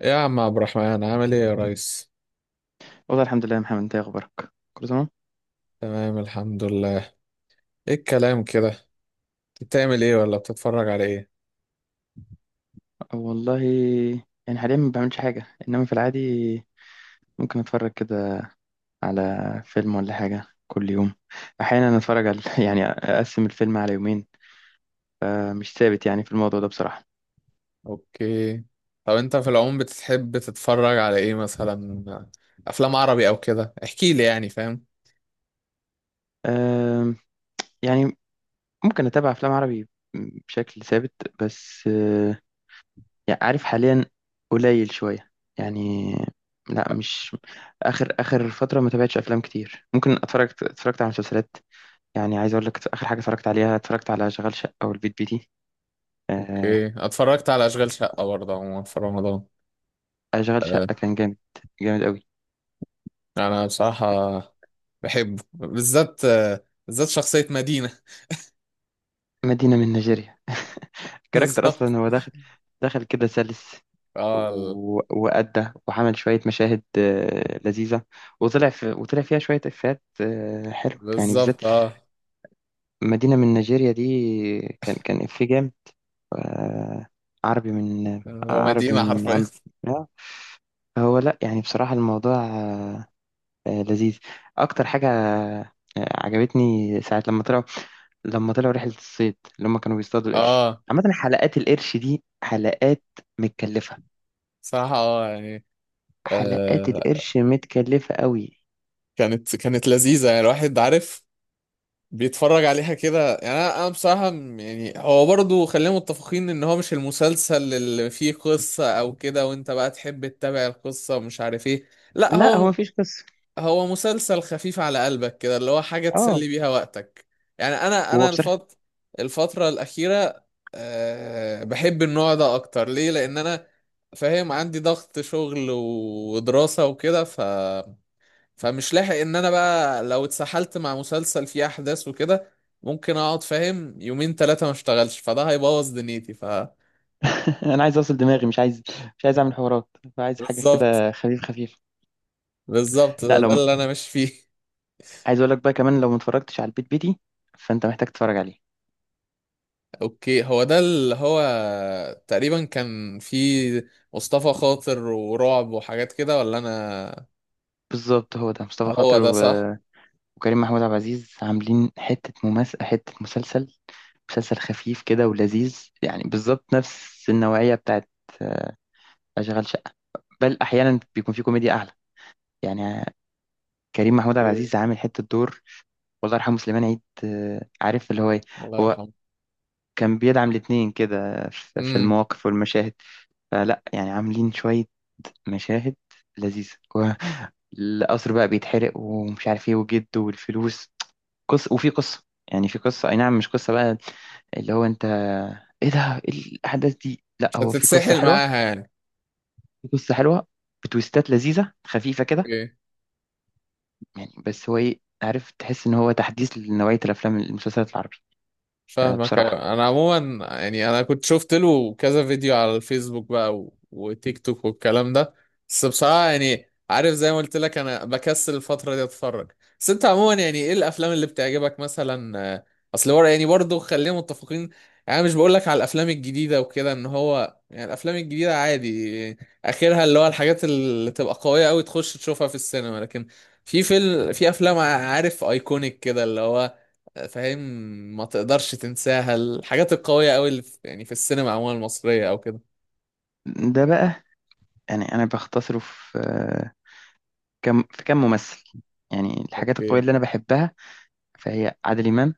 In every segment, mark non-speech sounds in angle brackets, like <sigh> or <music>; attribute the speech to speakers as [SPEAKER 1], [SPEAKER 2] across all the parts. [SPEAKER 1] يا عم عبد الرحمن، عامل ايه يا ريس؟
[SPEAKER 2] والله الحمد لله يا محمد، انت ايه اخبارك؟ كله تمام.
[SPEAKER 1] تمام، الحمد لله. ايه الكلام كده؟ بتعمل ايه ولا بتتفرج على ايه؟
[SPEAKER 2] أه والله، يعني حاليا ما بعملش حاجه، انما في العادي ممكن اتفرج كده على فيلم ولا حاجه كل يوم. احيانا اتفرج على <laughs> يعني اقسم الفيلم على يومين. أه، مش ثابت يعني في الموضوع ده بصراحه.
[SPEAKER 1] اوكي. طب انت في العموم بتحب تتفرج على ايه مثلا؟ افلام عربي او كده، احكي لي، يعني فاهم؟
[SPEAKER 2] أم، يعني ممكن اتابع افلام عربي بشكل ثابت. بس يعني عارف حاليا قليل شويه يعني. لا مش، اخر اخر فتره ما تابعتش افلام كتير، ممكن اتفرجت على مسلسلات. يعني عايز اقول لك اخر حاجه اتفرجت عليها، اتفرجت على شغال شقه او البيت بيتي. آه.
[SPEAKER 1] اوكي، اتفرجت على اشغال شقه برضه عموما في رمضان.
[SPEAKER 2] شغال شقه
[SPEAKER 1] آه،
[SPEAKER 2] كان جامد، جامد قوي.
[SPEAKER 1] انا بصراحه بحبه بالذات، بالذات شخصيه مدينه.
[SPEAKER 2] مدينه من نيجيريا <laughs>
[SPEAKER 1] <laughs>
[SPEAKER 2] الكاركتر
[SPEAKER 1] بالظبط.
[SPEAKER 2] اصلا هو دخل كده سلس.
[SPEAKER 1] اه ال-
[SPEAKER 2] وأدى وعمل شوية مشاهد لذيذة. وطلع فيها شوية إفيهات حلوة يعني بالذات.
[SPEAKER 1] بالظبط،
[SPEAKER 2] مدينة من نيجيريا دي، كان إفيه جامد. آه، عربي من
[SPEAKER 1] لو
[SPEAKER 2] عربي
[SPEAKER 1] مدينه
[SPEAKER 2] من
[SPEAKER 1] حرفيا.
[SPEAKER 2] عم. آه، هو لأ، يعني بصراحة الموضوع لذيذ. اكتر حاجه عجبتني ساعه لما طلعوا رحله الصيد، اللي هم كانوا بيصطادوا
[SPEAKER 1] <laughs>
[SPEAKER 2] القرش.
[SPEAKER 1] اه،
[SPEAKER 2] عامه حلقات القرش دي حلقات متكلفه.
[SPEAKER 1] صراحه، يعني
[SPEAKER 2] حلقات
[SPEAKER 1] آه.
[SPEAKER 2] القرش متكلفه قوي.
[SPEAKER 1] كانت لذيذه، يعني الواحد عارف بيتفرج عليها كده. يعني انا بصراحه، يعني هو برضه خلينا متفقين ان هو مش المسلسل اللي فيه قصه او كده، وانت بقى تحب تتابع القصه ومش عارف ايه. لا،
[SPEAKER 2] لا هو
[SPEAKER 1] هو
[SPEAKER 2] مفيش قصه.
[SPEAKER 1] هو مسلسل خفيف على قلبك كده، اللي هو حاجة
[SPEAKER 2] اه،
[SPEAKER 1] تسلي بيها وقتك. يعني أنا
[SPEAKER 2] هو
[SPEAKER 1] أنا
[SPEAKER 2] بصراحه
[SPEAKER 1] الفت... الفترة الأخيرة بحب النوع ده أكتر. ليه؟ لأن أنا فاهم عندي ضغط شغل ودراسة وكده، فمش لاحق إن أنا بقى لو اتسحلت مع مسلسل فيه أحداث وكده، ممكن أقعد فاهم يومين 3 ما اشتغلش، فده هيبوظ دنيتي.
[SPEAKER 2] <laughs> انا عايز اوصل دماغي، مش عايز اعمل حوارات. عايز حاجه
[SPEAKER 1] بالظبط،
[SPEAKER 2] كده خفيف خفيف.
[SPEAKER 1] بالظبط،
[SPEAKER 2] لا،
[SPEAKER 1] ده
[SPEAKER 2] لو
[SPEAKER 1] اللي أنا ماشي فيه.
[SPEAKER 2] عايز اقول لك بقى كمان، لو ما اتفرجتش على البيت بيتي فانت محتاج تتفرج عليه.
[SPEAKER 1] اوكي، هو ده اللي هو تقريبا كان في مصطفى خاطر ورعب وحاجات كده ولا انا؟
[SPEAKER 2] بالظبط، هو ده مصطفى
[SPEAKER 1] هو
[SPEAKER 2] خاطر
[SPEAKER 1] ده صح؟
[SPEAKER 2] وكريم محمود عبد العزيز، عاملين حتة مسلسل خفيف كده ولذيذ يعني، بالظبط نفس النوعية بتاعت آه، أشغال شقة. بل أحيانا بيكون في كوميديا أعلى، يعني كريم محمود عبد
[SPEAKER 1] اوكي.
[SPEAKER 2] العزيز عامل حتة دور. والله يرحمه سليمان عيد، عارف اللي هو إيه.
[SPEAKER 1] الله
[SPEAKER 2] هو
[SPEAKER 1] يرحمه.
[SPEAKER 2] كان بيدعم الاتنين كده في
[SPEAKER 1] امم.
[SPEAKER 2] المواقف والمشاهد. فلا يعني عاملين شوية مشاهد لذيذة. والقصر بقى بيتحرق ومش عارف ايه، وجد والفلوس. قصة، وفي قصة، يعني في قصة، أي نعم. مش قصة بقى اللي هو انت ايه ده، ايه الاحداث دي؟ لا،
[SPEAKER 1] مش
[SPEAKER 2] هو في قصه
[SPEAKER 1] هتتسحل
[SPEAKER 2] حلوه،
[SPEAKER 1] معاها يعني.
[SPEAKER 2] في قصه حلوه، بتويستات لذيذه خفيفه كده.
[SPEAKER 1] اوكي.
[SPEAKER 2] يعني بس هو ايه، عارف، تحس ان هو تحديث لنوعيه الافلام المسلسلات العربي.
[SPEAKER 1] فاهمك،
[SPEAKER 2] بصراحه.
[SPEAKER 1] أيوة. انا عموما يعني انا كنت شفت له كذا فيديو على الفيسبوك بقى و... وتيك توك والكلام ده. بس بصراحة يعني عارف، زي ما قلت لك انا بكسل الفترة دي اتفرج. بس انت عموما يعني ايه الافلام اللي بتعجبك مثلا؟ اصل ورا يعني برضه خلينا متفقين. يعني أنا مش بقول لك على الافلام الجديدة وكده، ان هو يعني الافلام الجديدة عادي. اخرها اللي هو الحاجات اللي تبقى قوية قوي تخش تشوفها في السينما، لكن في افلام عارف ايكونيك كده اللي هو فاهم، ما تقدرش تنساها، الحاجات القوية قوي اللي في السينما عموما المصرية او كده.
[SPEAKER 2] ده بقى يعني انا بختصره في كم ممثل. يعني الحاجات القويه
[SPEAKER 1] اوكي.
[SPEAKER 2] اللي انا بحبها، فهي عادل امام.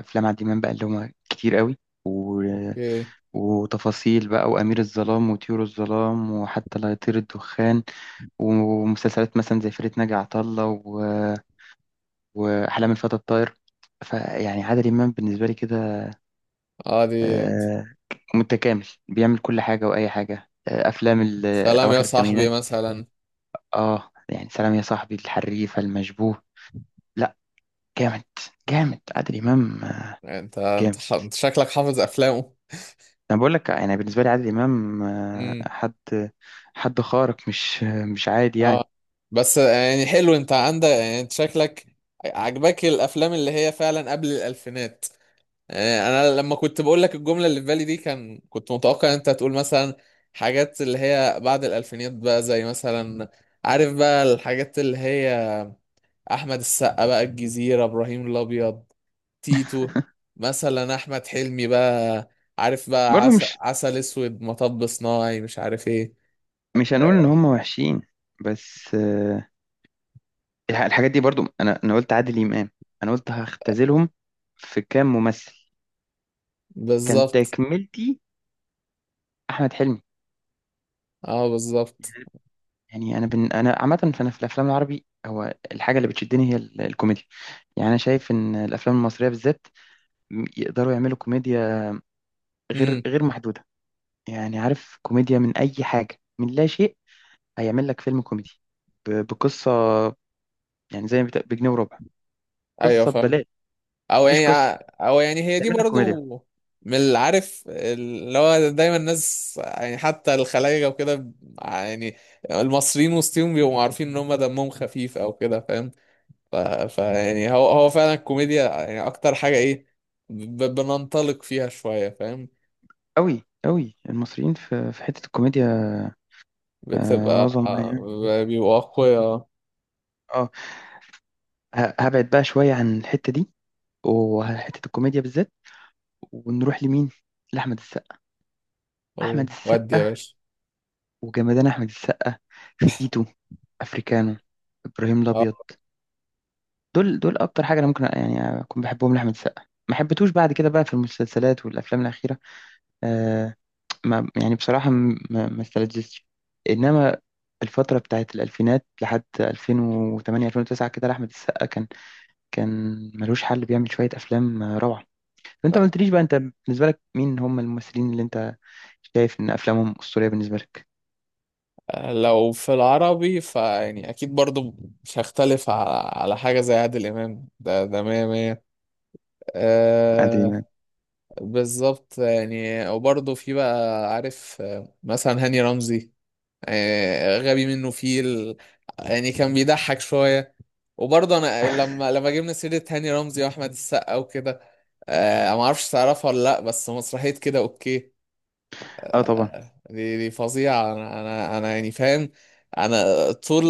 [SPEAKER 2] افلام عادل امام بقى اللي هما كتير قوي. و...
[SPEAKER 1] اوكي.
[SPEAKER 2] وتفاصيل بقى، وامير الظلام، وطيور الظلام، وحتى لا يطير الدخان. ومسلسلات مثلا زي فرقة ناجي عطا الله وأحلام الفتى الطاير. فيعني عادل إمام بالنسبة لي كده
[SPEAKER 1] اه، دي انت.
[SPEAKER 2] آه، متكامل، بيعمل كل حاجة وأي حاجة.
[SPEAKER 1] سلام يا
[SPEAKER 2] أواخر
[SPEAKER 1] صاحبي
[SPEAKER 2] الثمانينات،
[SPEAKER 1] مثلا.
[SPEAKER 2] آه يعني سلام يا صاحبي، الحريفة، المشبوه. لا، جامد، جامد عادل إمام،
[SPEAKER 1] انت انت,
[SPEAKER 2] جامد.
[SPEAKER 1] ح- انت شكلك حافظ افلامه.
[SPEAKER 2] أنا بقول لك يعني بالنسبة لي عادل إمام
[SPEAKER 1] امم.
[SPEAKER 2] حد خارق، مش مش عادي يعني.
[SPEAKER 1] اه، بس يعني حلو، انت عندك يعني، انت شكلك عجبك الافلام اللي هي فعلا قبل الالفينات. يعني انا لما كنت بقول لك الجملة اللي في بالي دي، كنت متوقع ان انت هتقول مثلا حاجات اللي هي بعد الالفينات بقى، زي مثلا عارف بقى الحاجات اللي هي احمد السقا بقى الجزيرة، ابراهيم الابيض، تيتو، مثلا احمد حلمي بقى، عارف بقى
[SPEAKER 2] برضه
[SPEAKER 1] عسل،
[SPEAKER 2] مش
[SPEAKER 1] عسل اسود، مطب صناعي، مش عارف ايه.
[SPEAKER 2] مش هنقول إن هم وحشين، بس الحاجات دي برضو. انا قلت عادل امام، انا قلت هختزلهم في كام ممثل. كان
[SPEAKER 1] بالظبط،
[SPEAKER 2] تكملتي احمد حلمي.
[SPEAKER 1] اه بالظبط.
[SPEAKER 2] يعني انا عامه، فانا في الافلام العربي هو الحاجه اللي بتشدني هي الكوميديا. يعني انا شايف ان الافلام المصريه بالذات يقدروا يعملوا كوميديا
[SPEAKER 1] امم.
[SPEAKER 2] غير محدوده. يعني عارف، كوميديا من اي حاجه، من لا شيء هيعمل لك فيلم كوميدي. بقصه، يعني زي ما بجنيه وربع.
[SPEAKER 1] ايوه
[SPEAKER 2] قصه
[SPEAKER 1] فاهم.
[SPEAKER 2] ببلاش،
[SPEAKER 1] او
[SPEAKER 2] مفيش قصه،
[SPEAKER 1] يعني او يعني هي دي
[SPEAKER 2] تعمل لك كوميديا.
[SPEAKER 1] برضو من اللي عارف اللي هو دايما الناس، يعني حتى الخلايجة وكده، يعني المصريين وسطهم بيبقوا عارفين ان هم دمهم خفيف او كده فاهم. ف... ف يعني هو فعلا الكوميديا، يعني اكتر حاجة ايه بننطلق فيها شوية فاهم.
[SPEAKER 2] قوي قوي المصريين في حته الكوميديا،
[SPEAKER 1] بتبقى
[SPEAKER 2] عظمة يعني.
[SPEAKER 1] بيبقوا اقوياء.
[SPEAKER 2] اه. هبعد بقى شوية عن الحتة دي، وحتة الكوميديا بالذات. ونروح لمين؟ لأحمد السقا. أحمد
[SPEAKER 1] ودي يا
[SPEAKER 2] السقا
[SPEAKER 1] باشا.
[SPEAKER 2] وجمدان. أحمد السقا في تيتو، أفريكانو، إبراهيم
[SPEAKER 1] آه.
[SPEAKER 2] الأبيض. دول أكتر حاجة أنا ممكن يعني أكون بحبهم لأحمد السقا. ما حبيتوش بعد كده بقى في المسلسلات والأفلام الأخيرة. آه، ما يعني بصراحة ما استلذتش. إنما الفترة بتاعت الألفينات لحد 2008 2009 كده، لأحمد السقا كان ملوش حل، بيعمل شوية أفلام روعة. فأنت ما قلتليش بقى، أنت بالنسبة لك مين هم الممثلين اللي أنت شايف إن أفلامهم أسطورية بالنسبة لك؟
[SPEAKER 1] لا، لو في العربي فيعني اكيد برضو مش هختلف على حاجة زي عادل امام. ده مية مية.
[SPEAKER 2] عادل إمام.
[SPEAKER 1] آه. بالظبط يعني، وبرضو في بقى عارف، مثلا هاني رمزي، غبي منه فيل، يعني كان بيضحك شوية. وبرضه انا لما جبنا سيرة هاني رمزي واحمد السقا وكده، ما اعرفش تعرفها ولا لا، بس مسرحية كده اوكي.
[SPEAKER 2] أه طبعا.
[SPEAKER 1] دي فظيعة. أنا يعني فاهم. أنا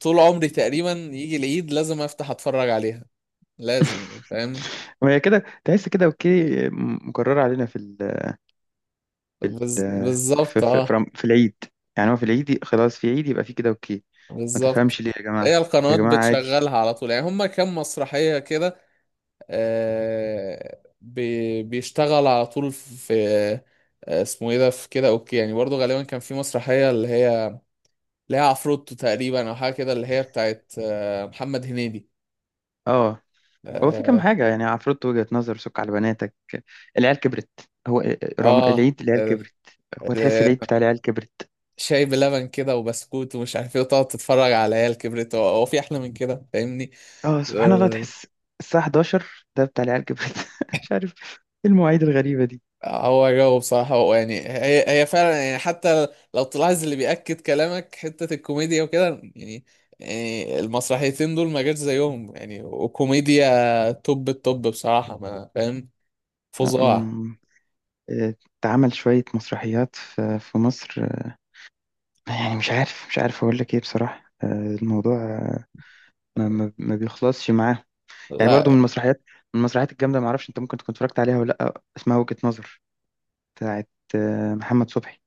[SPEAKER 1] طول عمري تقريبا يجي العيد لازم أفتح أتفرج عليها، لازم
[SPEAKER 2] <laughs>
[SPEAKER 1] فاهم.
[SPEAKER 2] وهي كده تحس كده أوكي، مكررة علينا في ال،
[SPEAKER 1] بالظبط، أه.
[SPEAKER 2] في العيد. يعني هو في العيد، خلاص في عيد يبقى في كده أوكي. ما تفهمش
[SPEAKER 1] بالظبط،
[SPEAKER 2] ليه يا جماعة،
[SPEAKER 1] هي
[SPEAKER 2] يا
[SPEAKER 1] القنوات
[SPEAKER 2] جماعة عادي.
[SPEAKER 1] بتشغلها على طول، يعني هما كام مسرحية كده. بيشتغل على طول في، اسمه ايه ده في كده اوكي. يعني برضه غالبا كان في مسرحية اللي هي، اللي هي عفروتو تقريبا او حاجة كده اللي هي بتاعت محمد هنيدي.
[SPEAKER 2] أه، هو في كام
[SPEAKER 1] اه.
[SPEAKER 2] حاجة يعني: عفروت، وجهة نظر، سك على بناتك، العيال كبرت. هو
[SPEAKER 1] آه،
[SPEAKER 2] العيد العيال
[SPEAKER 1] ال-
[SPEAKER 2] كبرت، هو تحس العيد
[SPEAKER 1] ال-
[SPEAKER 2] بتاع العيال كبرت.
[SPEAKER 1] شاي بلبن كده وبسكوت ومش عارف ايه وتقعد تتفرج على عيال كبرت، هو في احلى من كده فاهمني؟
[SPEAKER 2] اه سبحان الله،
[SPEAKER 1] آه.
[SPEAKER 2] تحس الساعة 11 ده بتاع العيال كبرت <laughs> مش عارف ايه المواعيد الغريبة دي.
[SPEAKER 1] هو جو بصراحة، هو يعني، هي فعلا يعني حتى لو تلاحظ اللي بيأكد كلامك حتة الكوميديا وكده، يعني يعني المسرحيتين دول ما جاش زيهم، يعني وكوميديا توب التوب بصراحة، ما فاهم
[SPEAKER 2] لا،
[SPEAKER 1] فظاع
[SPEAKER 2] آه، اتعمل شوية مسرحيات في مصر. يعني مش عارف أقول لك إيه بصراحة. الموضوع ما بيخلصش معاه. يعني برضو
[SPEAKER 1] لا،
[SPEAKER 2] من المسرحيات، من المسرحيات الجامدة، معرفش أنت ممكن تكون اتفرجت عليها ولا لأ. اسمها وجهة نظر، بتاعت محمد صبحي.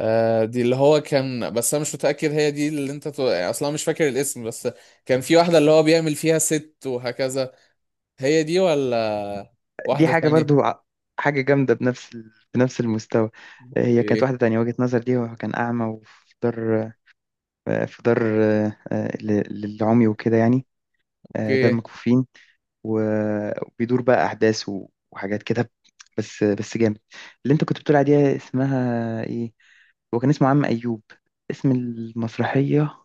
[SPEAKER 1] آه، دي اللي هو كان. بس انا مش متأكد هي دي اللي انت يعني اصلا مش فاكر الاسم، بس كان في واحدة اللي هو بيعمل فيها ست وهكذا. هي دي ولا
[SPEAKER 2] دي
[SPEAKER 1] واحدة
[SPEAKER 2] حاجة برضو
[SPEAKER 1] تانية؟
[SPEAKER 2] حاجة جامدة بنفس بنفس المستوى. هي كانت
[SPEAKER 1] اوكي.
[SPEAKER 2] واحدة تانية. وجهة نظر دي، وكان أعمى وفي دار، في دار للعمي وكده، يعني دار
[SPEAKER 1] اوكي.
[SPEAKER 2] مكفوفين. وبيدور بقى أحداث وحاجات كده، بس بس جامد. اللي أنت كنت بتقول عليها اسمها إيه؟ هو كان اسمه عم أيوب، اسم المسرحية.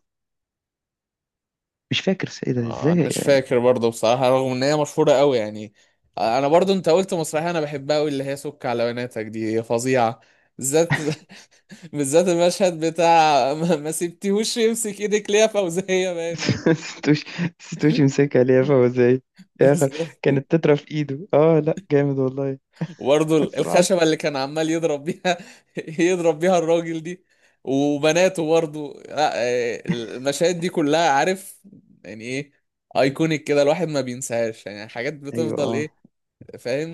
[SPEAKER 2] مش فاكر، إيه ده
[SPEAKER 1] انا
[SPEAKER 2] إزاي؟
[SPEAKER 1] مش فاكر برضه بصراحة رغم ان هي مشهورة قوي يعني. انا برضه انت قلت مسرحية انا بحبها قوي اللي هي سك على بناتك، دي هي فظيعة بالذات. <laughs> بالذات المشهد بتاع <laughs> ما سبتيهوش يمسك ايدك ليه يا فوزية باينة.
[SPEAKER 2] <laughs> ستوش ستوش مسك عليها فهو إزاي
[SPEAKER 1] <laughs>
[SPEAKER 2] يا آخر؟
[SPEAKER 1] بالظبط.
[SPEAKER 2] كانت تترة في إيده، آه لأ، جامد والله.
[SPEAKER 1] وبرضه
[SPEAKER 2] <laughs> سبحان.
[SPEAKER 1] الخشبة اللي كان عمال يضرب بيها، <laughs> يضرب بيها الراجل دي وبناته برضه. لا، المشاهد دي كلها عارف يعني ايه، ايكونيك كده، الواحد ما بينساهاش، يعني حاجات
[SPEAKER 2] أيوه
[SPEAKER 1] بتفضل
[SPEAKER 2] آه.
[SPEAKER 1] ايه،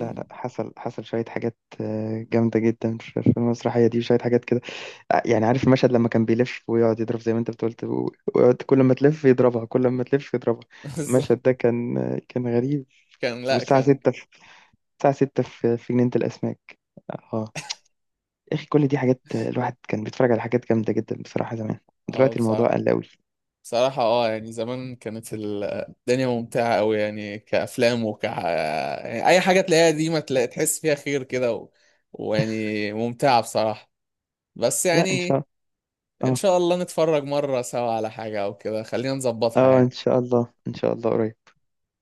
[SPEAKER 2] لا لا، حصل شوية حاجات جامدة جدا في المسرحية دي، وشوية حاجات كده. يعني عارف المشهد لما كان بيلف ويقعد يضرب، زي ما انت بتقولت، ويقعد كل ما تلف يضربها، كل ما تلف يضربها.
[SPEAKER 1] <laughs>
[SPEAKER 2] المشهد ده كان غريب.
[SPEAKER 1] كان، لا،
[SPEAKER 2] والساعة
[SPEAKER 1] كان.
[SPEAKER 2] ستة في، الساعة ستة في جنينة الأسماك. اه. يا أخي كل دي حاجات، الواحد كان بيتفرج على حاجات جامدة جدا بصراحة زمان.
[SPEAKER 1] اه
[SPEAKER 2] دلوقتي الموضوع
[SPEAKER 1] بصراحة،
[SPEAKER 2] قل أوي.
[SPEAKER 1] بصراحة يعني زمان كانت الدنيا ممتعة أوي، يعني كأفلام، يعني أي حاجة تلاقيها دي ما تلاقي تحس فيها خير كده ويعني ممتعة بصراحة. بس
[SPEAKER 2] لا، إن شاء
[SPEAKER 1] يعني
[SPEAKER 2] الله.
[SPEAKER 1] إن
[SPEAKER 2] اه
[SPEAKER 1] شاء الله نتفرج مرة سوا على حاجة أو كده، خلينا نظبطها
[SPEAKER 2] اه، إن
[SPEAKER 1] يعني.
[SPEAKER 2] شاء الله، إن شاء الله قريب.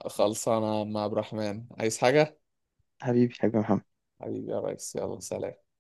[SPEAKER 1] خلصانة مع عبد الرحمن، عايز حاجة؟
[SPEAKER 2] حبيبي حبيبي محمد.
[SPEAKER 1] حبيبي يا ريس يلا سلام.